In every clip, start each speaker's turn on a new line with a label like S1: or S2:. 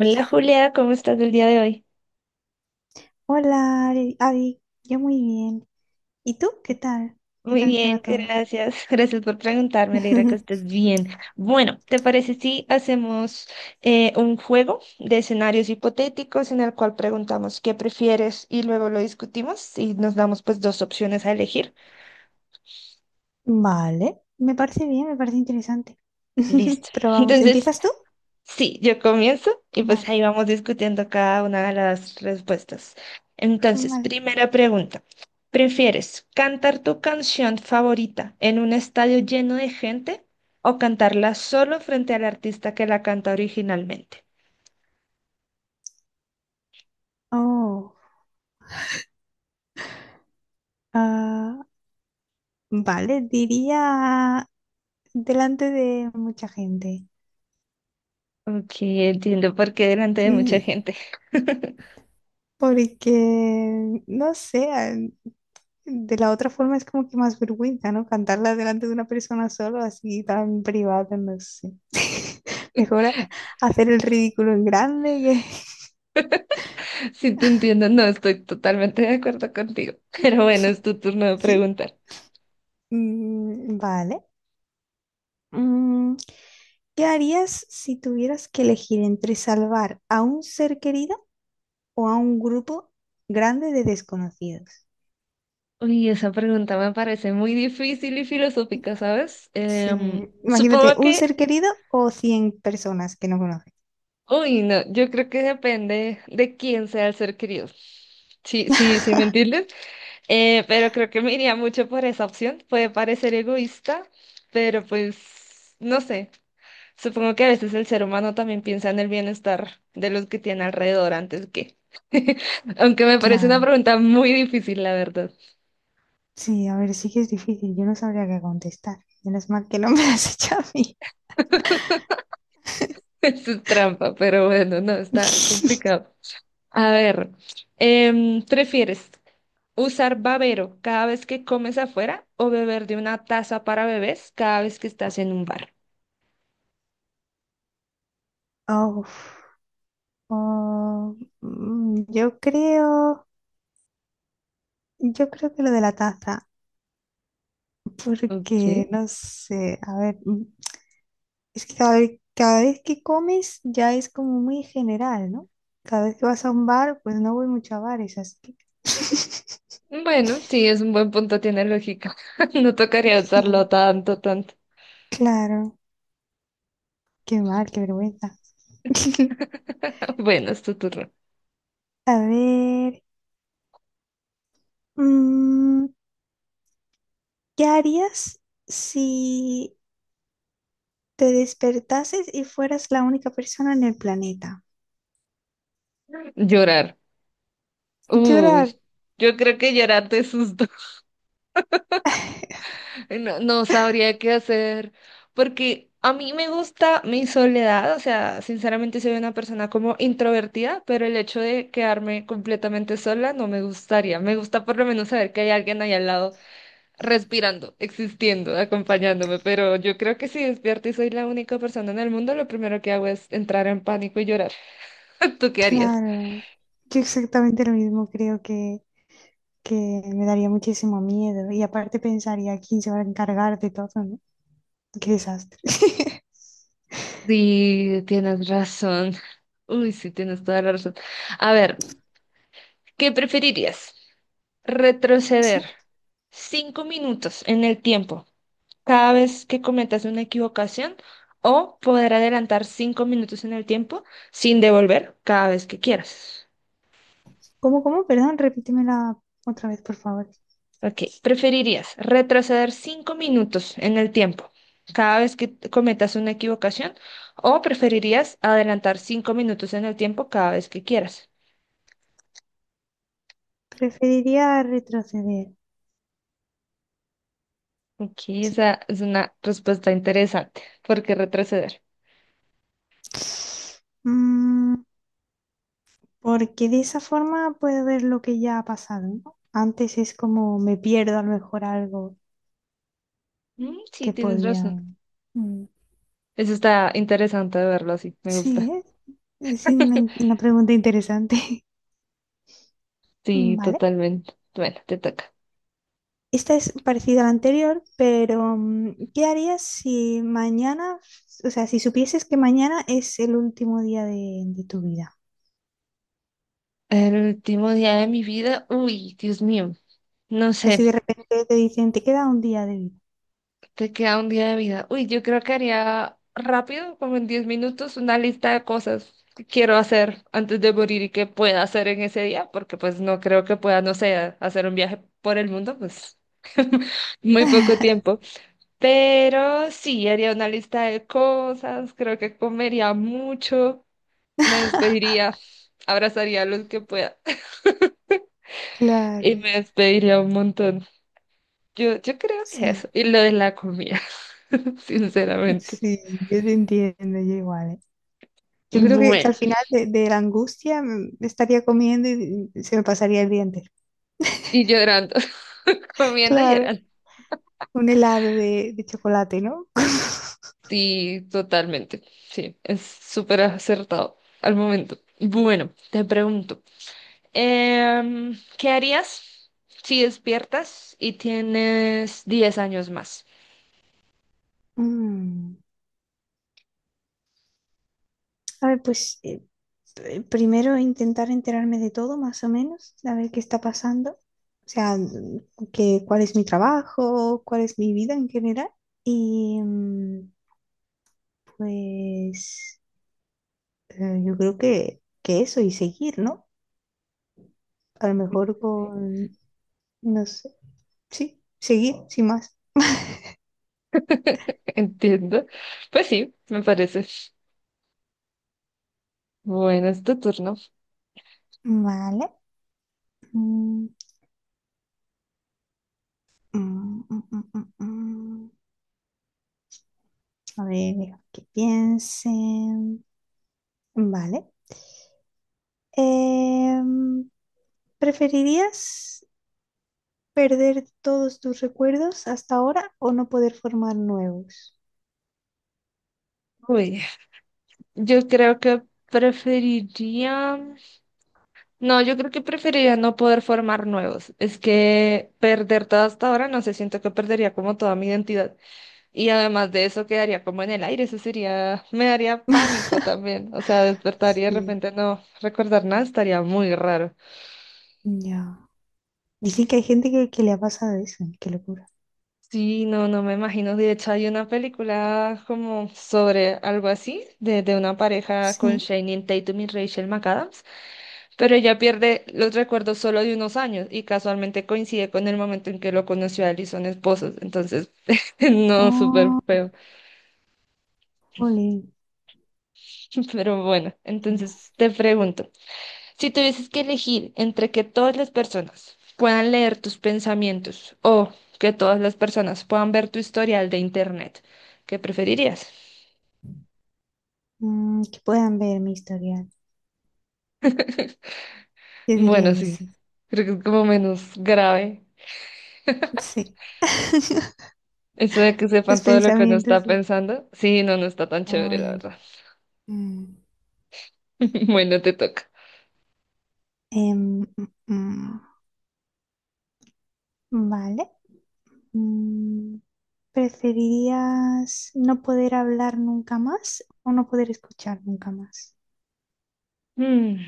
S1: Hola Julia, ¿cómo estás el día de hoy?
S2: Hola, Ari, Adi. Yo muy bien. ¿Y tú? ¿Qué tal? ¿Qué
S1: Muy
S2: tal te va
S1: bien,
S2: todo?
S1: gracias. Gracias por preguntarme, me alegra que estés bien. Bueno, ¿te parece si hacemos un juego de escenarios hipotéticos en el cual preguntamos qué prefieres y luego lo discutimos y nos damos pues dos opciones a elegir?
S2: Vale, me parece bien, me parece interesante.
S1: Listo.
S2: Pero vamos,
S1: Entonces,
S2: ¿empiezas tú?
S1: sí, yo comienzo y pues
S2: Vale,
S1: ahí vamos discutiendo cada una de las respuestas. Entonces,
S2: vale.
S1: primera pregunta. ¿Prefieres cantar tu canción favorita en un estadio lleno de gente o cantarla solo frente al artista que la canta originalmente?
S2: Oh, ah, vale, diría delante de mucha gente.
S1: Ok, entiendo por qué delante de mucha
S2: Mm,
S1: gente.
S2: Porque, no sé, de la otra forma es como que más vergüenza, ¿no? Cantarla delante de una persona solo, así tan privada, no sé. Mejor hacer el ridículo en grande que.
S1: Sí, te entiendo, no estoy totalmente de acuerdo contigo. Pero bueno, es tu turno de
S2: Sí.
S1: preguntar.
S2: Mm, vale. Mm, ¿Qué harías si tuvieras que elegir entre salvar a un ser querido o a un grupo grande de desconocidos?
S1: Uy, esa pregunta me parece muy difícil y filosófica, ¿sabes?
S2: Sí. Imagínate,
S1: Supongo
S2: un
S1: que,
S2: ser querido o 100 personas que no conoces.
S1: uy, no, yo creo que depende de quién sea el ser querido. Sí, sí, sí, ¿me entiendes? Pero creo que me iría mucho por esa opción. Puede parecer egoísta, pero pues, no sé. Supongo que a veces el ser humano también piensa en el bienestar de los que tiene alrededor antes que. Aunque me parece una
S2: Claro.
S1: pregunta muy difícil, la verdad.
S2: Sí, a ver, sí que es difícil. Yo no sabría qué contestar. Menos mal que no me lo has hecho a mí.
S1: Eso es trampa, pero bueno, no, está complicado. A ver, ¿prefieres usar babero cada vez que comes afuera o beber de una taza para bebés cada vez que estás en un bar?
S2: Oh, oh, mm, yo creo, yo creo que lo de la taza, porque
S1: Ok.
S2: no sé, a ver, es que cada vez que comes ya es como muy general, ¿no? Cada vez que vas a un bar, pues no voy mucho a bares, así que.
S1: Bueno, sí, es un buen punto, tiene lógica. No tocaría usarlo
S2: Sí,
S1: tanto, tanto.
S2: claro, qué mal, qué vergüenza.
S1: Bueno, es tu turno.
S2: A ver, mm, ¿qué harías si te despertases y fueras la única persona en el planeta?
S1: Llorar.
S2: Yo
S1: Uy,
S2: era,
S1: yo creo que llorar de susto. No, no sabría qué hacer, porque a mí me gusta mi soledad, o sea, sinceramente soy una persona como introvertida, pero el hecho de quedarme completamente sola no me gustaría. Me gusta por lo menos saber que hay alguien ahí al lado respirando, existiendo, acompañándome, pero yo creo que si despierto y soy la única persona en el mundo, lo primero que hago es entrar en pánico y llorar. ¿Tú qué harías?
S2: claro, yo exactamente lo mismo, creo que me daría muchísimo miedo y aparte pensaría quién se va a encargar de todo, ¿no? Qué desastre.
S1: Sí, tienes razón. Uy, sí, tienes toda la razón. A ver, ¿qué preferirías? Retroceder
S2: Sí,
S1: 5 minutos en el tiempo cada vez que cometas una equivocación o poder adelantar 5 minutos en el tiempo sin devolver cada vez que quieras.
S2: ¿cómo? Perdón, repítemela otra vez, por favor.
S1: Ok, ¿preferirías retroceder cinco minutos en el tiempo cada vez que cometas una equivocación o preferirías adelantar 5 minutos en el tiempo cada vez que quieras?
S2: Preferiría retroceder,
S1: Ok,
S2: sí.
S1: esa es una respuesta interesante. ¿Por qué retroceder?
S2: Mm, porque de esa forma puedo ver lo que ya ha pasado, ¿no? Antes es como me pierdo a lo mejor algo
S1: Mm, sí,
S2: que
S1: tienes
S2: podía.
S1: razón.
S2: Mm.
S1: Eso está interesante de verlo así, me
S2: Sí,
S1: gusta.
S2: ¿eh? Es una, una pregunta interesante.
S1: Sí,
S2: Vale.
S1: totalmente. Bueno, te toca.
S2: Esta es parecida a la anterior, pero ¿qué harías si mañana, o sea, si supieses que mañana es el último día de tu vida?
S1: El último día de mi vida, uy, Dios mío, no
S2: O sea, si de
S1: sé,
S2: repente te dicen, te queda un día de vida.
S1: te queda un día de vida. Uy, yo creo que haría rápido, como en 10 minutos, una lista de cosas que quiero hacer antes de morir y que pueda hacer en ese día, porque pues no creo que pueda, no sé, hacer un viaje por el mundo, pues muy poco tiempo. Pero sí, haría una lista de cosas, creo que comería mucho. Me despediría, abrazaría a los que pueda y
S2: Claro,
S1: me despediría un montón. Yo creo que eso.
S2: sí,
S1: Y lo de la comida, sinceramente.
S2: sí, yo te entiendo, yo igual. ¿Eh? Yo creo que
S1: Bueno,
S2: al final de la angustia me estaría comiendo y se me pasaría el día entero.
S1: y llorando, comiendo y
S2: Claro,
S1: llorando.
S2: un helado de chocolate, ¿no?
S1: Sí, totalmente. Sí, es súper acertado al momento. Bueno, te pregunto, ¿qué harías si despiertas y tienes 10 años más?
S2: Mm, A ver, pues primero intentar enterarme de todo, más o menos, a ver qué está pasando. O sea, cuál es mi trabajo, cuál es mi vida en general. Y pues yo creo que eso y seguir, ¿no? A lo mejor con, no sé, sí, seguir, sin más.
S1: Entiendo. Pues sí, me parece. Bueno, es tu turno.
S2: Vale. Mm, mm, mm, mm, mm, mm. A ver, deja que piensen. Vale. Em, ¿Preferirías perder todos tus recuerdos hasta ahora o no poder formar nuevos?
S1: Uy, yo creo que preferiría, no, yo creo que preferiría no poder formar nuevos. Es que perder todo hasta ahora, no sé, siento que perdería como toda mi identidad. Y además de eso quedaría como en el aire, eso sería, me daría pánico también. O sea, despertaría y de
S2: Sí,
S1: repente no recordar nada, estaría muy raro.
S2: ya. Dicen que hay gente que le ha pasado eso, qué locura.
S1: Sí, no, no me imagino. De hecho, hay una película como sobre algo así, de una pareja con
S2: Sí.
S1: Channing Tatum y Rachel McAdams, pero ella pierde los recuerdos solo de unos años y casualmente coincide con el momento en que lo conoció a él y son esposos. Entonces, no, súper
S2: Oh,
S1: feo.
S2: jolín,
S1: Pero bueno,
S2: qué mal.
S1: entonces te pregunto, si tuvieses que elegir entre que todas las personas puedan leer tus pensamientos o que todas las personas puedan ver tu historial de internet, ¿qué preferirías?
S2: Que puedan ver mi historial. Yo diría
S1: Bueno,
S2: que
S1: sí,
S2: sí.
S1: creo que es como menos grave.
S2: Sí.
S1: Eso de que
S2: Es
S1: sepan todo lo que uno
S2: pensamiento,
S1: está
S2: sí.
S1: pensando, sí, no, no está tan chévere, la
S2: Voy.
S1: verdad.
S2: Mm,
S1: Bueno, te toca.
S2: em, mm, vale. Mm, ¿Preferirías no poder hablar nunca más o no poder escuchar nunca más?
S1: Mm,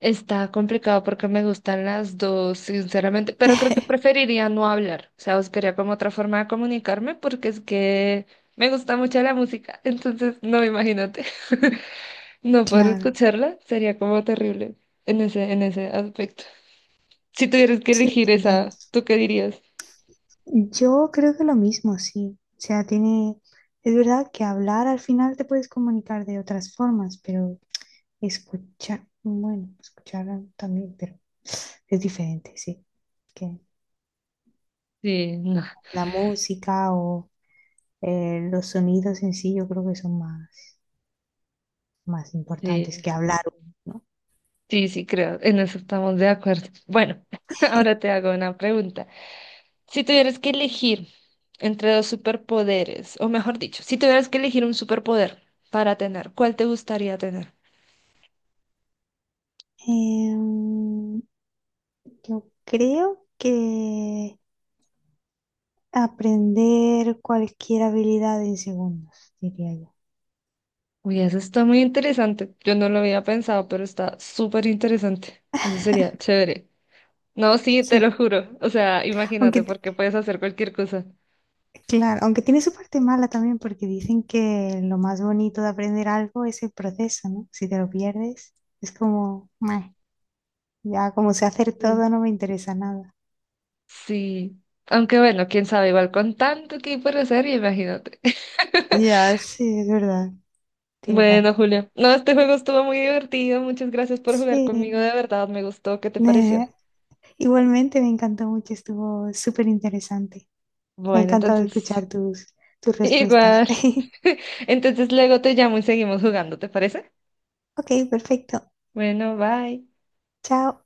S1: Está complicado porque me gustan las dos, sinceramente, pero creo que preferiría no hablar. O sea, buscaría como otra forma de comunicarme porque es que me gusta mucho la música, entonces no, imagínate. No poder
S2: Claro,
S1: escucharla sería como terrible en ese aspecto. Si tuvieras que
S2: sí,
S1: elegir
S2: te entiendo.
S1: esa, ¿tú qué dirías?
S2: Yo creo que lo mismo, sí. O sea, tiene, es verdad que hablar al final te puedes comunicar de otras formas, pero escuchar, bueno, escuchar también, pero es diferente, sí. Que
S1: Sí, no.
S2: la música o los sonidos en sí yo creo que son más, más importantes
S1: Sí,
S2: que hablar, ¿no?
S1: sí, sí, creo, en eso estamos de acuerdo. Bueno, ahora te hago una pregunta. Si tuvieras que elegir entre dos superpoderes, o mejor dicho, si tuvieras que elegir un superpoder para tener, ¿cuál te gustaría tener?
S2: Em, yo creo que aprender cualquier habilidad en segundos, diría yo.
S1: Uy, eso está muy interesante. Yo no lo había pensado, pero está súper interesante. Eso sería chévere. No, sí, te lo
S2: Sí,
S1: juro. O sea,
S2: aunque,
S1: imagínate, porque puedes hacer cualquier cosa.
S2: claro, aunque tiene su parte mala también porque dicen que lo más bonito de aprender algo es el proceso, ¿no? Si te lo pierdes, es como, "Meh, ya como sé hacer
S1: Sí.
S2: todo, no me interesa nada."
S1: Sí. Aunque bueno, quién sabe, igual con tanto que hay por hacer, imagínate.
S2: Ya, sí, es verdad, tienes
S1: Bueno,
S2: razón.
S1: Julio. No, este juego estuvo muy divertido. Muchas gracias por jugar
S2: Sí,
S1: conmigo. De verdad, me gustó. ¿Qué te pareció?
S2: Eh, igualmente me encantó mucho, estuvo súper interesante. Me ha
S1: Bueno,
S2: encantado escuchar
S1: entonces,
S2: tus respuestas.
S1: igual. Entonces luego te llamo y seguimos jugando, ¿te parece?
S2: Ok, perfecto.
S1: Bueno, bye.
S2: Chao.